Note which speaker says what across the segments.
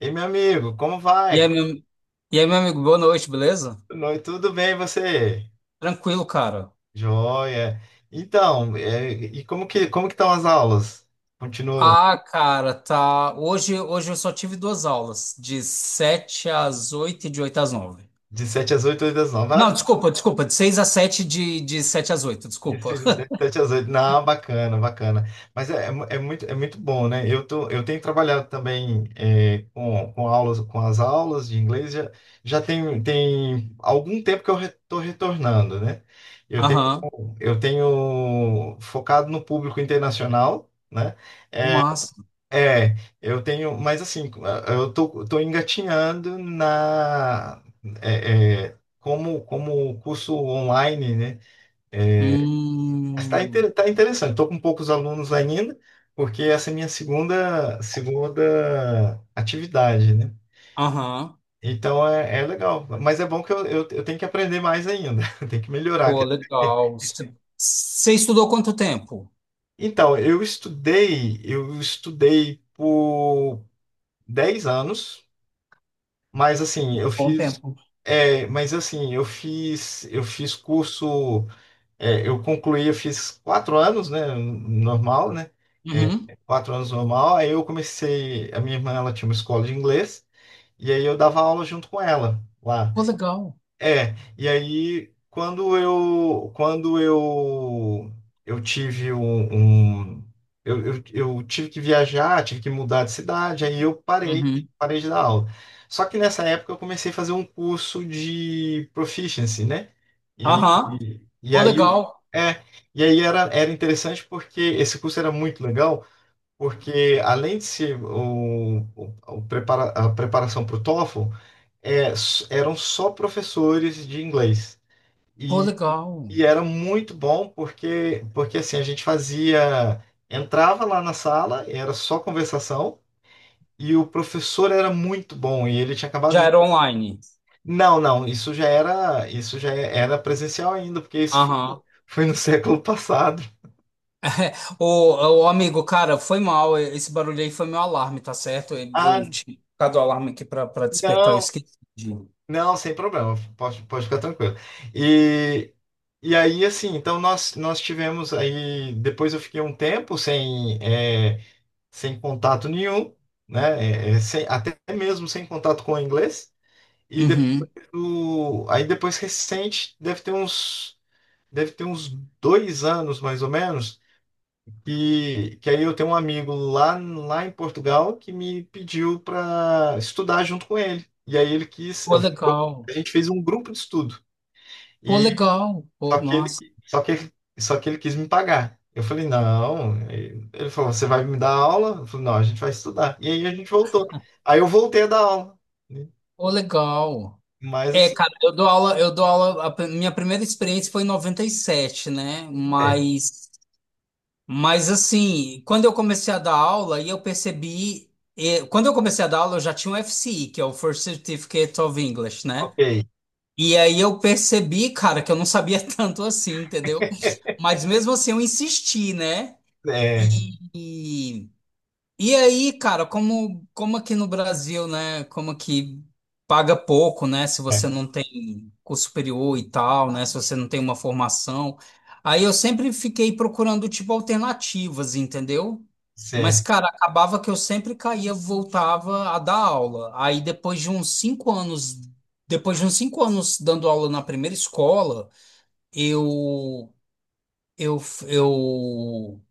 Speaker 1: Ei meu amigo, como
Speaker 2: E
Speaker 1: vai?
Speaker 2: aí, meu, e aí, meu amigo, boa noite, beleza?
Speaker 1: Boa noite, Tudo bem, e você?
Speaker 2: Tranquilo, cara.
Speaker 1: Joia. Então, é, e como que como que estão as aulas? Continuo
Speaker 2: Ah, cara, tá. Hoje, hoje eu só tive duas aulas, de 7 às oito e de 8 às nove
Speaker 1: de sete às 8 8 às 9.
Speaker 2: Não,
Speaker 1: Ah,
Speaker 2: desculpa, desculpa, de seis às sete e de, de sete às oito
Speaker 1: de
Speaker 2: desculpa.
Speaker 1: 6 às 7, 7 às 8. Não, bacana, bacana. Mas é, é, mu- é muito, é muito bom, né? Eu tô, eu tenho trabalhado também é, com, com aulas, com as aulas de inglês. Já, já tem, tem algum tempo que eu estou retornando, né? Eu
Speaker 2: Aham,
Speaker 1: tenho, eu tenho focado no público internacional. né?
Speaker 2: o máximo.
Speaker 1: É, eu tenho, mas assim, eu tô, tô engatinhando na é, é, como como curso online, né? Está
Speaker 2: Hum,
Speaker 1: inter, tá interessante. Estou com poucos alunos ainda, porque essa é minha segunda segunda atividade, né?
Speaker 2: aham,
Speaker 1: Então é, é legal, mas é bom que eu, eu, eu tenho que aprender mais ainda, eu tenho que melhorar.
Speaker 2: pô,
Speaker 1: quer dizer.
Speaker 2: legal. Você estudou quanto tempo?
Speaker 1: Então, eu estudei, eu estudei por 10 anos. Mas assim, eu
Speaker 2: Bom
Speaker 1: fiz,
Speaker 2: tempo.
Speaker 1: é, mas assim, eu fiz, eu fiz curso, é, eu concluí, eu fiz quatro anos, né, normal, né, é,
Speaker 2: Uhum.
Speaker 1: quatro anos normal. Aí eu comecei, a minha irmã, ela tinha uma escola de inglês e aí eu dava aula junto com ela lá.
Speaker 2: Pô, legal.
Speaker 1: É, e aí quando eu quando eu eu tive um, um- eu, eu, eu tive que viajar, tive que mudar de cidade, aí eu parei,
Speaker 2: Uhum.
Speaker 1: parei de dar aula. Só que nessa época eu comecei a fazer um curso de proficiency, né? E,
Speaker 2: Aham,
Speaker 1: e, e
Speaker 2: pô,
Speaker 1: aí eu-
Speaker 2: legal.
Speaker 1: é, e aí era, era interessante porque esse curso era muito legal, porque além de ser o, o, o prepara, a preparação para o TOEFL, é, s- eram só professores de inglês.
Speaker 2: Pô,
Speaker 1: E,
Speaker 2: legal.
Speaker 1: e era muito bom porque, porque assim, a gente fazia, entrava lá na sala, era só conversação, e o professor era muito bom, e ele tinha acabado
Speaker 2: Já
Speaker 1: de...
Speaker 2: era online.
Speaker 1: Não, não, isso já era, isso já era presencial ainda, porque isso fo-
Speaker 2: Aham.
Speaker 1: foi no século passado.
Speaker 2: Ô, ô, amigo, cara, foi mal. Esse barulho aí foi meu alarme, tá certo? Eu
Speaker 1: Ah,
Speaker 2: eu tinha colocado o alarme aqui pra, pra despertar, eu
Speaker 1: não,
Speaker 2: esqueci.
Speaker 1: não, sem problema, pode, pode ficar tranquilo. E, e aí, assim, então nós, nós tivemos aí, depois eu fiquei um tempo sem, é, sem contato nenhum, né? É, é, sem- até mesmo sem contato com o inglês. E depois
Speaker 2: Uhum.
Speaker 1: do, aí depois recente, deve ter uns, deve ter uns dois anos mais ou menos, que, que aí eu tenho um amigo lá, lá em Portugal que me pediu para estudar junto com ele. E aí ele quis,
Speaker 2: Pô,
Speaker 1: eu- a
Speaker 2: legal.
Speaker 1: gente fez um grupo de estudo.
Speaker 2: Pô, legal.
Speaker 1: Só
Speaker 2: Pô,
Speaker 1: que
Speaker 2: massa.
Speaker 1: ele, só que, só que ele quis me pagar. Eu falei, não. Ele falou, você vai me dar aula? Eu falei, não, a gente vai estudar. E aí a gente voltou. Aí eu voltei a dar aula. né?
Speaker 2: Pô, legal.
Speaker 1: Mas
Speaker 2: É,
Speaker 1: assim,
Speaker 2: cara, eu dou aula, eu dou aula, a pri- minha primeira experiência foi em 97, né?
Speaker 1: é,
Speaker 2: Mas, mas assim, quando eu comecei a dar aula, e eu percebi, eh, quando eu comecei a dar aula, eu já tinha o FCI, que é o First Certificate of English, né?
Speaker 1: ok.
Speaker 2: E aí eu percebi, cara, que eu não sabia tanto assim, entendeu? Mas mesmo assim eu insisti, né?
Speaker 1: É,
Speaker 2: E, e aí, cara, como, como aqui no Brasil, né? Como aqui paga pouco, né? Se você
Speaker 1: é,
Speaker 2: não tem curso superior e tal, né? Se você não tem uma formação. Aí eu sempre fiquei procurando, tipo, alternativas, entendeu? Mas,
Speaker 1: certo,
Speaker 2: cara, acabava que eu sempre caía, voltava a dar aula. Aí depois de uns cinco anos, depois de uns cinco anos dando aula na primeira escola, eu, eu, eu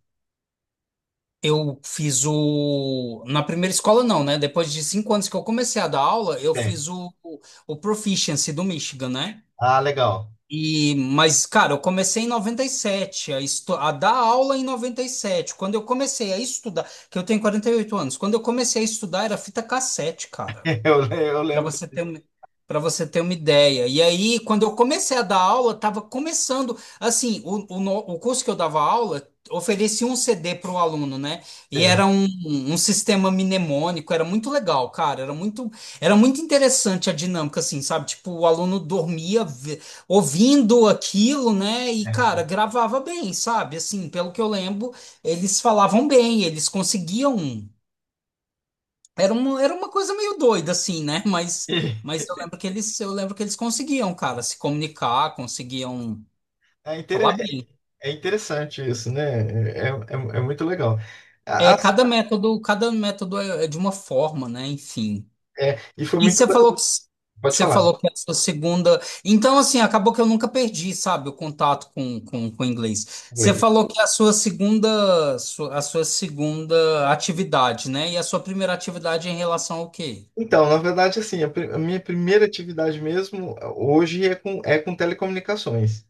Speaker 2: eu fiz o. Na primeira escola, não, né? Depois de cinco anos que eu comecei a dar aula, eu
Speaker 1: é.
Speaker 2: fiz o, o, o Proficiency do Michigan, né?
Speaker 1: Ah, legal.
Speaker 2: E, mas, cara, eu comecei em 97 a, estu... a dar aula em 97. Quando eu comecei a estudar, que eu tenho 48 anos, quando eu comecei a estudar era fita cassete, cara
Speaker 1: Eu, le- eu
Speaker 2: para
Speaker 1: lembro.
Speaker 2: você ter uma, para você ter uma ideia. E aí, quando eu comecei a dar aula, estava começando, assim, o, o, no- o curso que eu dava aula oferecia um CD para o aluno, né? E
Speaker 1: É,
Speaker 2: era um, um sistema mnemônico, era muito legal, cara, era muito, era muito interessante a dinâmica, assim, sabe? Tipo, o aluno dormia ve- ouvindo aquilo, né? E,
Speaker 1: é.
Speaker 2: cara, gravava bem, sabe? Assim, pelo que eu lembro, eles falavam bem, eles conseguiam. Era uma, era uma coisa meio doida, assim, né? Mas,
Speaker 1: E
Speaker 2: mas eu lembro que eles, eu lembro que eles conseguiam, cara, se comunicar, conseguiam
Speaker 1: É inter-
Speaker 2: falar bem.
Speaker 1: é interessante isso, né? É, é, é muito legal.
Speaker 2: É,
Speaker 1: A- as-
Speaker 2: cada método, cada método é, é de uma forma, né? Enfim.
Speaker 1: é, e foi
Speaker 2: E
Speaker 1: muito.
Speaker 2: você falou que
Speaker 1: Pode
Speaker 2: você
Speaker 1: falar.
Speaker 2: falou que é a sua segunda. Então, assim, acabou que eu nunca perdi, sabe, o contato com, com, com o inglês. Você falou que é a sua segunda, sua- a sua segunda atividade, né? E a sua primeira atividade é em relação ao quê?
Speaker 1: Então, na verdade, assim, a, pri- a minha primeira atividade mesmo eh, hoje é com, é com telecomunicações.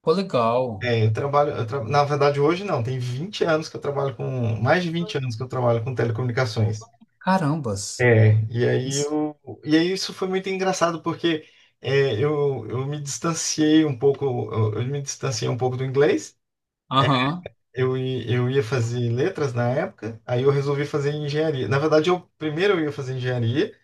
Speaker 2: Pô, legal.
Speaker 1: É, eu trabalho, eu tra- na verdade, hoje não, tem 20 anos que eu trabalho com, mais de 20 anos que eu trabalho com telecomunicações.
Speaker 2: Carambas.
Speaker 1: É, e aí
Speaker 2: Isso.
Speaker 1: eu, e aí isso foi muito engraçado porque é, eu, eu me distanciei um pouco, eu, eu me distanciei um pouco do inglês.
Speaker 2: Aham.
Speaker 1: Eu, i- eu ia fazer letras na época, aí eu resolvi fazer engenharia. Na verdade, eu primeiro eu ia fazer engenharia,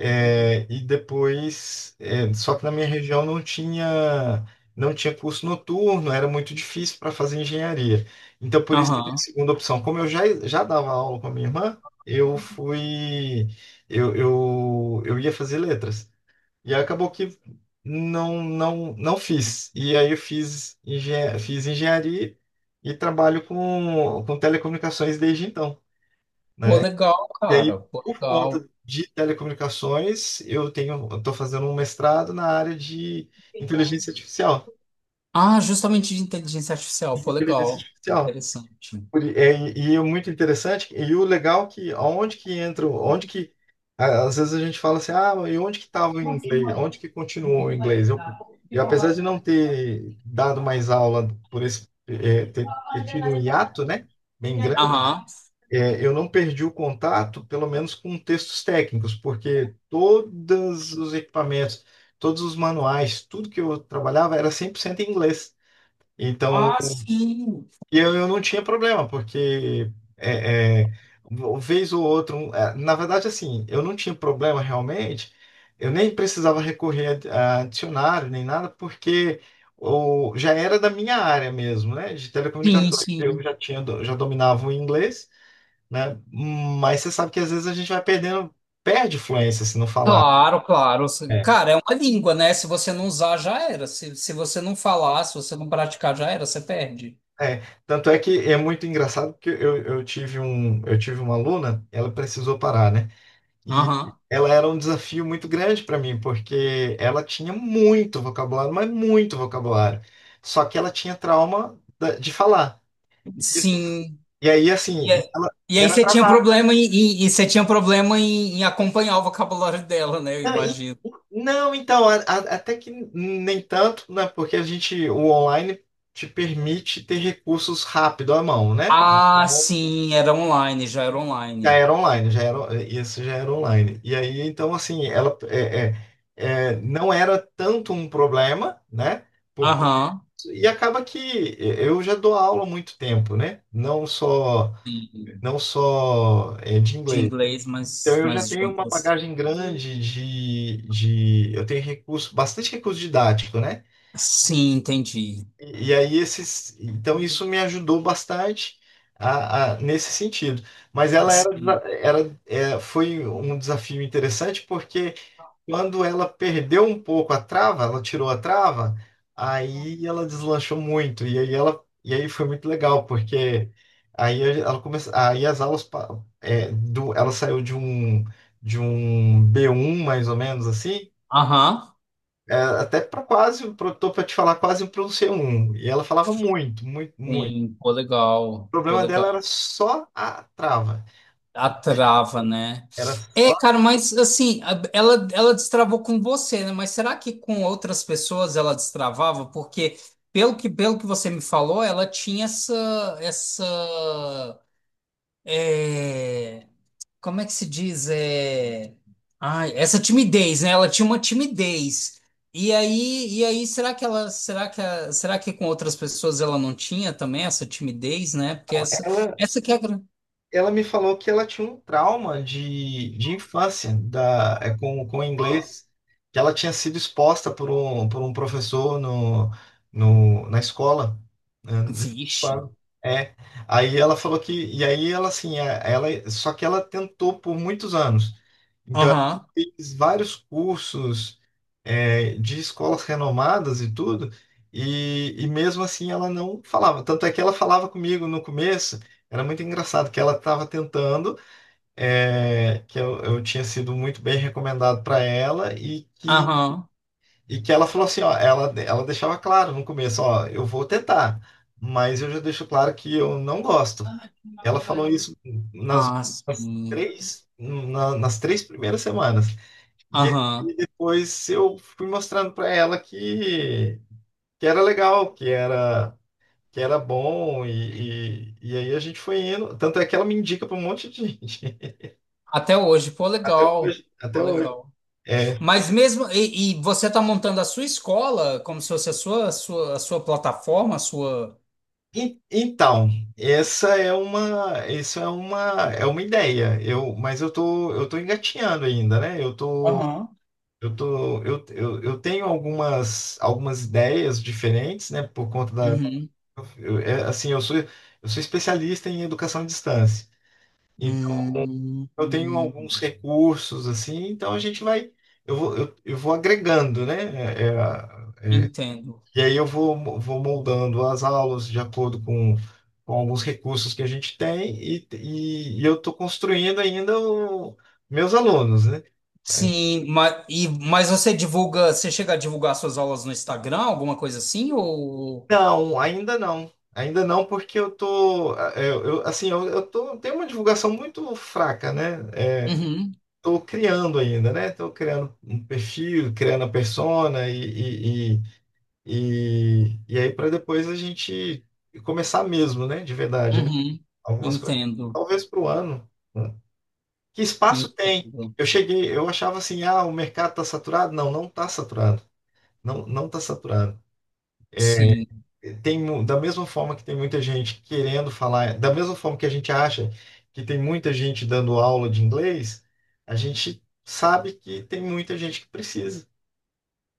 Speaker 1: É, e depois, é, só que na minha região não tinha, não tinha curso noturno, era muito difícil para fazer engenharia. Então, por isso que a minha
Speaker 2: Aham.
Speaker 1: segunda opção, como eu já, já dava aula com a minha irmã, eu fui, eu, eu, eu ia fazer letras. E aí acabou que não, não, não fiz. E aí eu fiz, engen fiz engenharia e trabalho com, com telecomunicações desde então.
Speaker 2: Pô,
Speaker 1: né?
Speaker 2: legal,
Speaker 1: E
Speaker 2: cara.
Speaker 1: aí,
Speaker 2: Pô,
Speaker 1: por
Speaker 2: legal.
Speaker 1: conta de telecomunicações, eu tenho, eu estou fazendo um mestrado na área de inteligência artificial.
Speaker 2: Ah, justamente de inteligência artificial.
Speaker 1: de
Speaker 2: Foi
Speaker 1: Inteligência
Speaker 2: legal.
Speaker 1: artificial.
Speaker 2: Interessante.
Speaker 1: Por- é, E é muito interessante, e o legal é que onde que entra, onde que a- às vezes a gente fala assim, ah, e onde que estava o inglês? Onde que continuou o inglês? Eu, eu apesar de não ter dado mais aula por esse, é, ter, ter tido um hiato, né? Bem grande
Speaker 2: Aham.
Speaker 1: é, eu não perdi o contato, pelo menos com textos técnicos, porque todos os equipamentos, todos os manuais, tudo que eu trabalhava era 100% em inglês. Então,
Speaker 2: Ah, sim.
Speaker 1: e eu, eu não tinha problema, porque é, é, uma vez ou outra, um- é, na verdade, assim, eu não tinha problema realmente, eu nem precisava recorrer a, a dicionário nem nada, porque o, já era da minha área mesmo, né, de
Speaker 2: Sim,
Speaker 1: telecomunicações. Eu
Speaker 2: sim.
Speaker 1: já tinha, do- já dominava o inglês né? Mas você sabe que às vezes a gente vai perdendo, perde fluência se não falar.
Speaker 2: Claro, claro.
Speaker 1: É.
Speaker 2: Cara, é uma língua, né? Se você não usar, já era. Se, se você não falar, se você não praticar, já era, você perde.
Speaker 1: É, tanto é que é muito engraçado porque eu, eu tive um, eu tive uma aluna, ela precisou parar, né? E
Speaker 2: Aham.
Speaker 1: ela era um desafio muito grande para mim, porque ela tinha muito vocabulário, mas muito vocabulário. Só que ela tinha trauma da- de falar. E isso-
Speaker 2: Sim.
Speaker 1: e aí,
Speaker 2: E, é-
Speaker 1: assim, ela,
Speaker 2: e aí você tinha problema em, em- e você tinha problema em, em acompanhar o vocabulário dela, né? Eu
Speaker 1: Não, e-
Speaker 2: imagino.
Speaker 1: não, então, a- a- até que nem tanto, né? Porque a gente, o online te permite ter recursos rápido à mão, né?
Speaker 2: Ah,
Speaker 1: Então,
Speaker 2: sim, era online, já era
Speaker 1: já
Speaker 2: online.
Speaker 1: era online, já era, isso já era online. E aí, então, assim, ela é, é, é, não era tanto um problema, né? Por,
Speaker 2: Aham.
Speaker 1: e acaba que eu já dou aula há muito tempo, né? Não só,
Speaker 2: Sim,
Speaker 1: não só é, de
Speaker 2: De
Speaker 1: inglês.
Speaker 2: inglês,
Speaker 1: Então,
Speaker 2: mas,
Speaker 1: eu já
Speaker 2: mas de
Speaker 1: tenho uma
Speaker 2: outras.
Speaker 1: bagagem grande de, de, eu tenho recurso, bastante recurso didático, né?
Speaker 2: Sim, entendi.
Speaker 1: E, e aí esses, então isso me ajudou bastante a, a- nesse sentido. Mas ela era,
Speaker 2: Sim.
Speaker 1: era, é, foi um desafio interessante porque quando ela perdeu um pouco a trava, ela tirou a trava, aí ela deslanchou muito. E aí ela, e aí foi muito legal, porque aí ela começou, aí as aulas pa- é, do, ela saiu de um de um B1 mais ou menos assim,
Speaker 2: Aham.
Speaker 1: é, até para quase, pro- tô para te falar, quase para um C1. E ela falava muito, muito, muito.
Speaker 2: Sim, pô,
Speaker 1: O
Speaker 2: legal. Pô,
Speaker 1: problema dela era
Speaker 2: legal.
Speaker 1: só a trava.
Speaker 2: A trava, né?
Speaker 1: Era
Speaker 2: É,
Speaker 1: só
Speaker 2: cara, mas assim, a- ela, ela destravou com você, né? Mas será que com outras pessoas ela destravava? Porque, pelo que, pelo que você me falou, ela tinha essa, essa, é como é que se diz? É... Ai, essa timidez, né? Ela tinha uma timidez. E aí, e aí, será que ela, será que, a- será que com outras pessoas ela não tinha também essa timidez, né? Porque essa,
Speaker 1: ela
Speaker 2: essa que é a grande.
Speaker 1: ela me falou que ela tinha um trauma de, de infância da, é, com, com inglês, que ela tinha sido exposta por um, por um professor no, no, na escola. né, no
Speaker 2: Vixe.
Speaker 1: ano. É, aí ela falou que, e aí ela assim, é, ela, só que ela tentou por muitos anos. Então, ela
Speaker 2: Aham,
Speaker 1: fez vários cursos, é, de escolas renomadas e tudo, e, e mesmo assim ela não falava. Tanto é que ela falava comigo no começo. Era muito engraçado que ela estava tentando, é, que eu, eu tinha sido muito bem recomendado para ela e que,
Speaker 2: aham.
Speaker 1: e que ela falou assim, ó, ela, ela deixava claro no começo, ó, eu vou tentar, mas eu já deixo claro que eu não gosto. Ela falou isso nas,
Speaker 2: Ah,
Speaker 1: nas
Speaker 2: sim.
Speaker 1: três, na- nas três primeiras semanas. E aí
Speaker 2: Aham.
Speaker 1: depois eu fui mostrando para ela que, que era legal, que era que era bom, e, e, e aí a gente foi indo. Tanto é que ela me indica para um monte de gente.
Speaker 2: Até hoje, pô,
Speaker 1: Até
Speaker 2: legal.
Speaker 1: hoje.
Speaker 2: Pô,
Speaker 1: Até hoje.
Speaker 2: legal.
Speaker 1: É.
Speaker 2: Mas mesmo, e, e você tá montando a sua escola como se fosse a sua, a sua, a sua plataforma, a sua.
Speaker 1: En- Então, essa é uma, isso é uma, é uma ideia. Eu, mas eu tô, eu tô engatinhando ainda, né? Eu tô,
Speaker 2: Aham.
Speaker 1: eu tô, eu, eu, eu tenho algumas, algumas ideias diferentes, né? Por conta da,
Speaker 2: Uhum.
Speaker 1: eu- é, assim, eu sou, eu sou especialista em educação à distância. Então,
Speaker 2: Hum,
Speaker 1: eu tenho
Speaker 2: hum,
Speaker 1: alguns recursos assim, então a gente vai, eu vou, eu, eu vou agregando, né? É, é,
Speaker 2: entendo.
Speaker 1: e aí eu vou, mo- vou moldando as aulas de acordo com, com alguns recursos que a gente tem e, e, e eu estou construindo ainda o, meus alunos, né?
Speaker 2: Sim, mas, e, mas você divulga, você chega a divulgar suas aulas no Instagram, alguma coisa assim, ou...
Speaker 1: Não, ainda não. Ainda não, porque eu tô, é, eu, assim, eu, eu tô, tenho uma divulgação muito fraca, né?
Speaker 2: Uhum,
Speaker 1: Estou criando ainda, né? Estou criando um perfil, criando a persona e- e- E, e aí para depois a gente começar mesmo, né? De verdade, né?
Speaker 2: uhum,
Speaker 1: Algumas coisas,
Speaker 2: entendo,
Speaker 1: talvez para o ano. né? Que espaço tem?
Speaker 2: entendo.
Speaker 1: Eu cheguei, eu achava assim, ah, o mercado está saturado? Não, não está saturado. Não, não está saturado.
Speaker 2: Sim,
Speaker 1: Tem, mu- da mesma forma que tem muita gente querendo falar, da mesma forma que a gente acha que tem muita gente dando aula de inglês, a gente sabe que tem muita gente que precisa,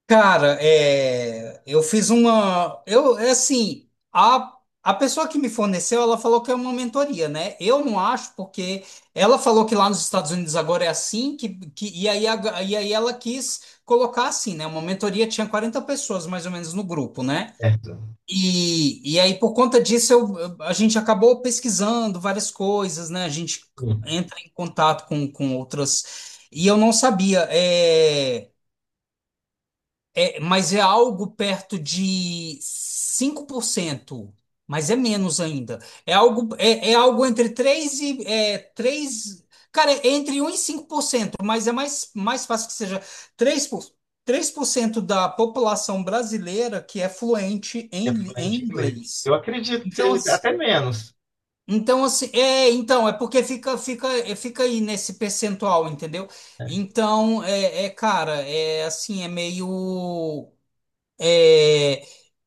Speaker 2: Cara, é, eu fiz uma. Eu, é assim, a, a pessoa que me forneceu, ela falou que é uma mentoria, né? Eu não acho, porque ela falou que lá nos Estados Unidos agora é assim, que, que, e aí, a- e aí ela quis colocar assim, né? Uma mentoria tinha 40 pessoas mais ou menos no grupo, né?
Speaker 1: certo?
Speaker 2: E, e aí, por conta disso, eu, eu- a gente acabou pesquisando várias coisas, né? A gente
Speaker 1: Sim.
Speaker 2: entra em contato com, com outras. E eu não sabia. é, é, mas é algo perto de 5%, mas é menos ainda. É algo, é, é algo entre 3 e é, 3, cara, é entre um e 5%, mas é mais, mais fácil que seja 3 por, 3% da população brasileira que é fluente
Speaker 1: É
Speaker 2: em, li-
Speaker 1: fluente em
Speaker 2: em
Speaker 1: inglês.
Speaker 2: inglês.
Speaker 1: Eu acredito que
Speaker 2: Então,
Speaker 1: seja
Speaker 2: ass-
Speaker 1: até menos.
Speaker 2: então assim, é, então é porque fica fica é, fica aí nesse percentual, entendeu?
Speaker 1: né?
Speaker 2: Então, é, é, cara, é assim, é meio é,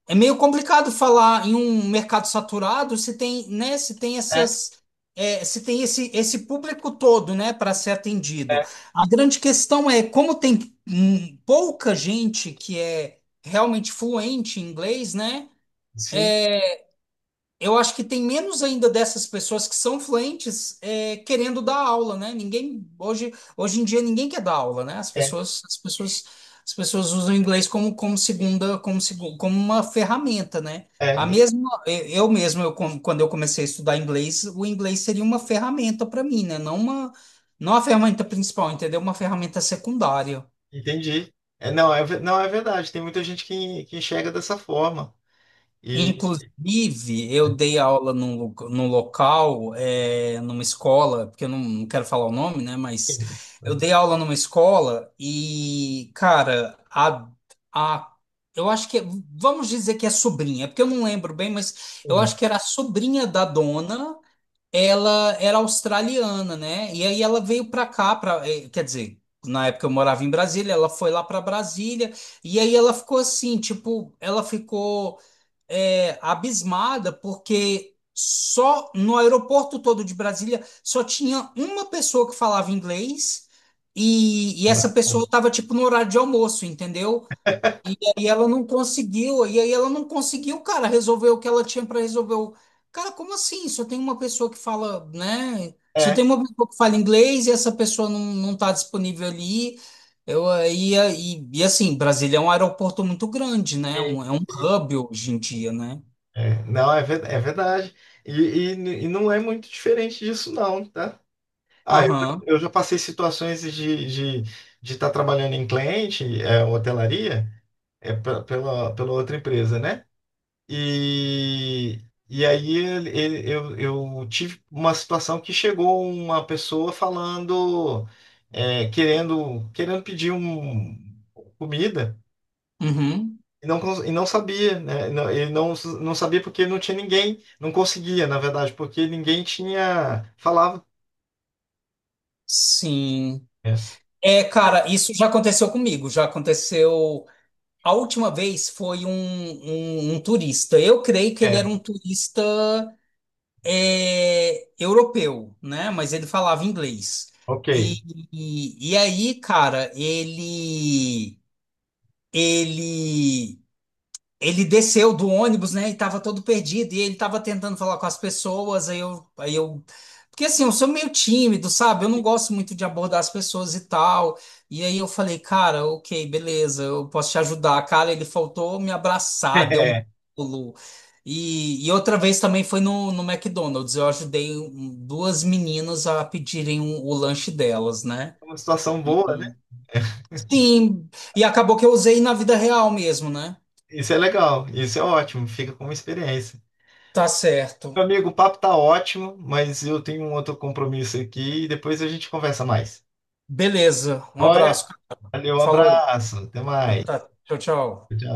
Speaker 2: é meio complicado falar em um mercado saturado se tem, né, se tem essas, é, se tem esse, esse público todo, né, para ser atendido.
Speaker 1: É,
Speaker 2: A grande questão é como tem hum, pouca gente que é realmente fluente em inglês, né?
Speaker 1: sim,
Speaker 2: Eu acho que tem menos ainda dessas pessoas que são fluentes é, querendo dar aula, né? Ninguém hoje, hoje em dia ninguém quer dar aula, né? As
Speaker 1: é,
Speaker 2: pessoas, as pessoas, as pessoas usam o inglês como, como segunda, como, segu- como uma ferramenta, né?
Speaker 1: é,
Speaker 2: A
Speaker 1: en-
Speaker 2: mesma, eu eu mesmo, eu, com- quando eu comecei a estudar inglês, o inglês seria uma ferramenta para mim, né? Não uma, não a ferramenta principal, entendeu? Uma ferramenta secundária.
Speaker 1: entendi. É, não, é, ve- não, é verdade, tem muita gente que, que enxerga dessa forma.
Speaker 2: Inclusive, eu dei aula num, lo- num local, é, numa escola, porque eu não, não quero falar o nome, né? Mas
Speaker 1: Sim,
Speaker 2: eu dei aula numa escola e, cara, a, a, eu acho que, é, vamos dizer que é sobrinha, porque eu não lembro bem, mas eu
Speaker 1: sim,
Speaker 2: acho que era a sobrinha da dona, ela era australiana, né? E aí ela veio pra cá, pra, eh, quer dizer, na época eu morava em Brasília, ela foi lá pra Brasília, e aí ela ficou assim, tipo, ela ficou é, abismada, porque só no aeroporto todo de Brasília só tinha uma pessoa que falava inglês e, e
Speaker 1: cara.
Speaker 2: essa pessoa estava tipo no horário de almoço, entendeu? E aí ela não conseguiu, e aí ela não conseguiu, cara, resolver o que ela tinha para resolver. o- Cara, como assim? Só tem uma pessoa que fala, né? Só tem
Speaker 1: É,
Speaker 2: uma pessoa que fala inglês e essa pessoa não, não tá disponível ali. Eu, e, e, e assim, Brasília é um aeroporto muito grande, né?
Speaker 1: e-
Speaker 2: Um- é um
Speaker 1: e-
Speaker 2: hub hoje em dia, né?
Speaker 1: é, não, é, ve- é verdade. E, e, n- e não é muito diferente disso, não, tá? Ah, eu,
Speaker 2: Aham.
Speaker 1: eu já passei situações de de estar trabalhando em cliente, é, hotelaria, é, pe- pela, pela outra empresa, né? E, e aí ele, ele- eu, eu tive uma situação que chegou uma pessoa falando, é, querendo, querendo pedir um, comida
Speaker 2: Uhum.
Speaker 1: e não, cons- e não sabia, né? Não- Ele não, não sabia porque não tinha ninguém, não conseguia, na verdade, porque ninguém tinha falava.
Speaker 2: Sim.
Speaker 1: É,
Speaker 2: É, cara, isso já aconteceu comigo. Já aconteceu. A última vez foi um, um, um turista. Eu creio que ele era
Speaker 1: é,
Speaker 2: um turista é, europeu, né? Mas ele falava inglês.
Speaker 1: ok.
Speaker 2: E, e, e aí, cara, ele. Ele. Ele desceu do ônibus, né? E tava todo perdido. E ele tava tentando falar com as pessoas. Aí eu, aí eu. Porque assim, eu sou meio tímido, sabe? Eu não gosto muito de abordar as pessoas e tal. E aí eu falei, cara, ok, beleza, eu posso te ajudar. Cara, ele faltou me abraçar, deu um pulo. E, e outra vez também foi no, no McDonald's. Eu ajudei um- duas meninas a pedirem um- o lanche delas, né?
Speaker 1: É uma situação
Speaker 2: E-
Speaker 1: boa, né?
Speaker 2: Sim, e acabou que eu usei na vida real mesmo, né?
Speaker 1: Isso é legal, isso é ótimo, fica como experiência.
Speaker 2: Tá certo.
Speaker 1: Meu amigo, o papo tá ótimo, mas eu tenho um outro compromisso aqui e depois a gente conversa mais.
Speaker 2: Beleza, um
Speaker 1: Olha,
Speaker 2: abraço.
Speaker 1: valeu, um
Speaker 2: Falou.
Speaker 1: abraço, até
Speaker 2: Tá,
Speaker 1: mais.
Speaker 2: tá. Tchau, tchau.
Speaker 1: Tchau.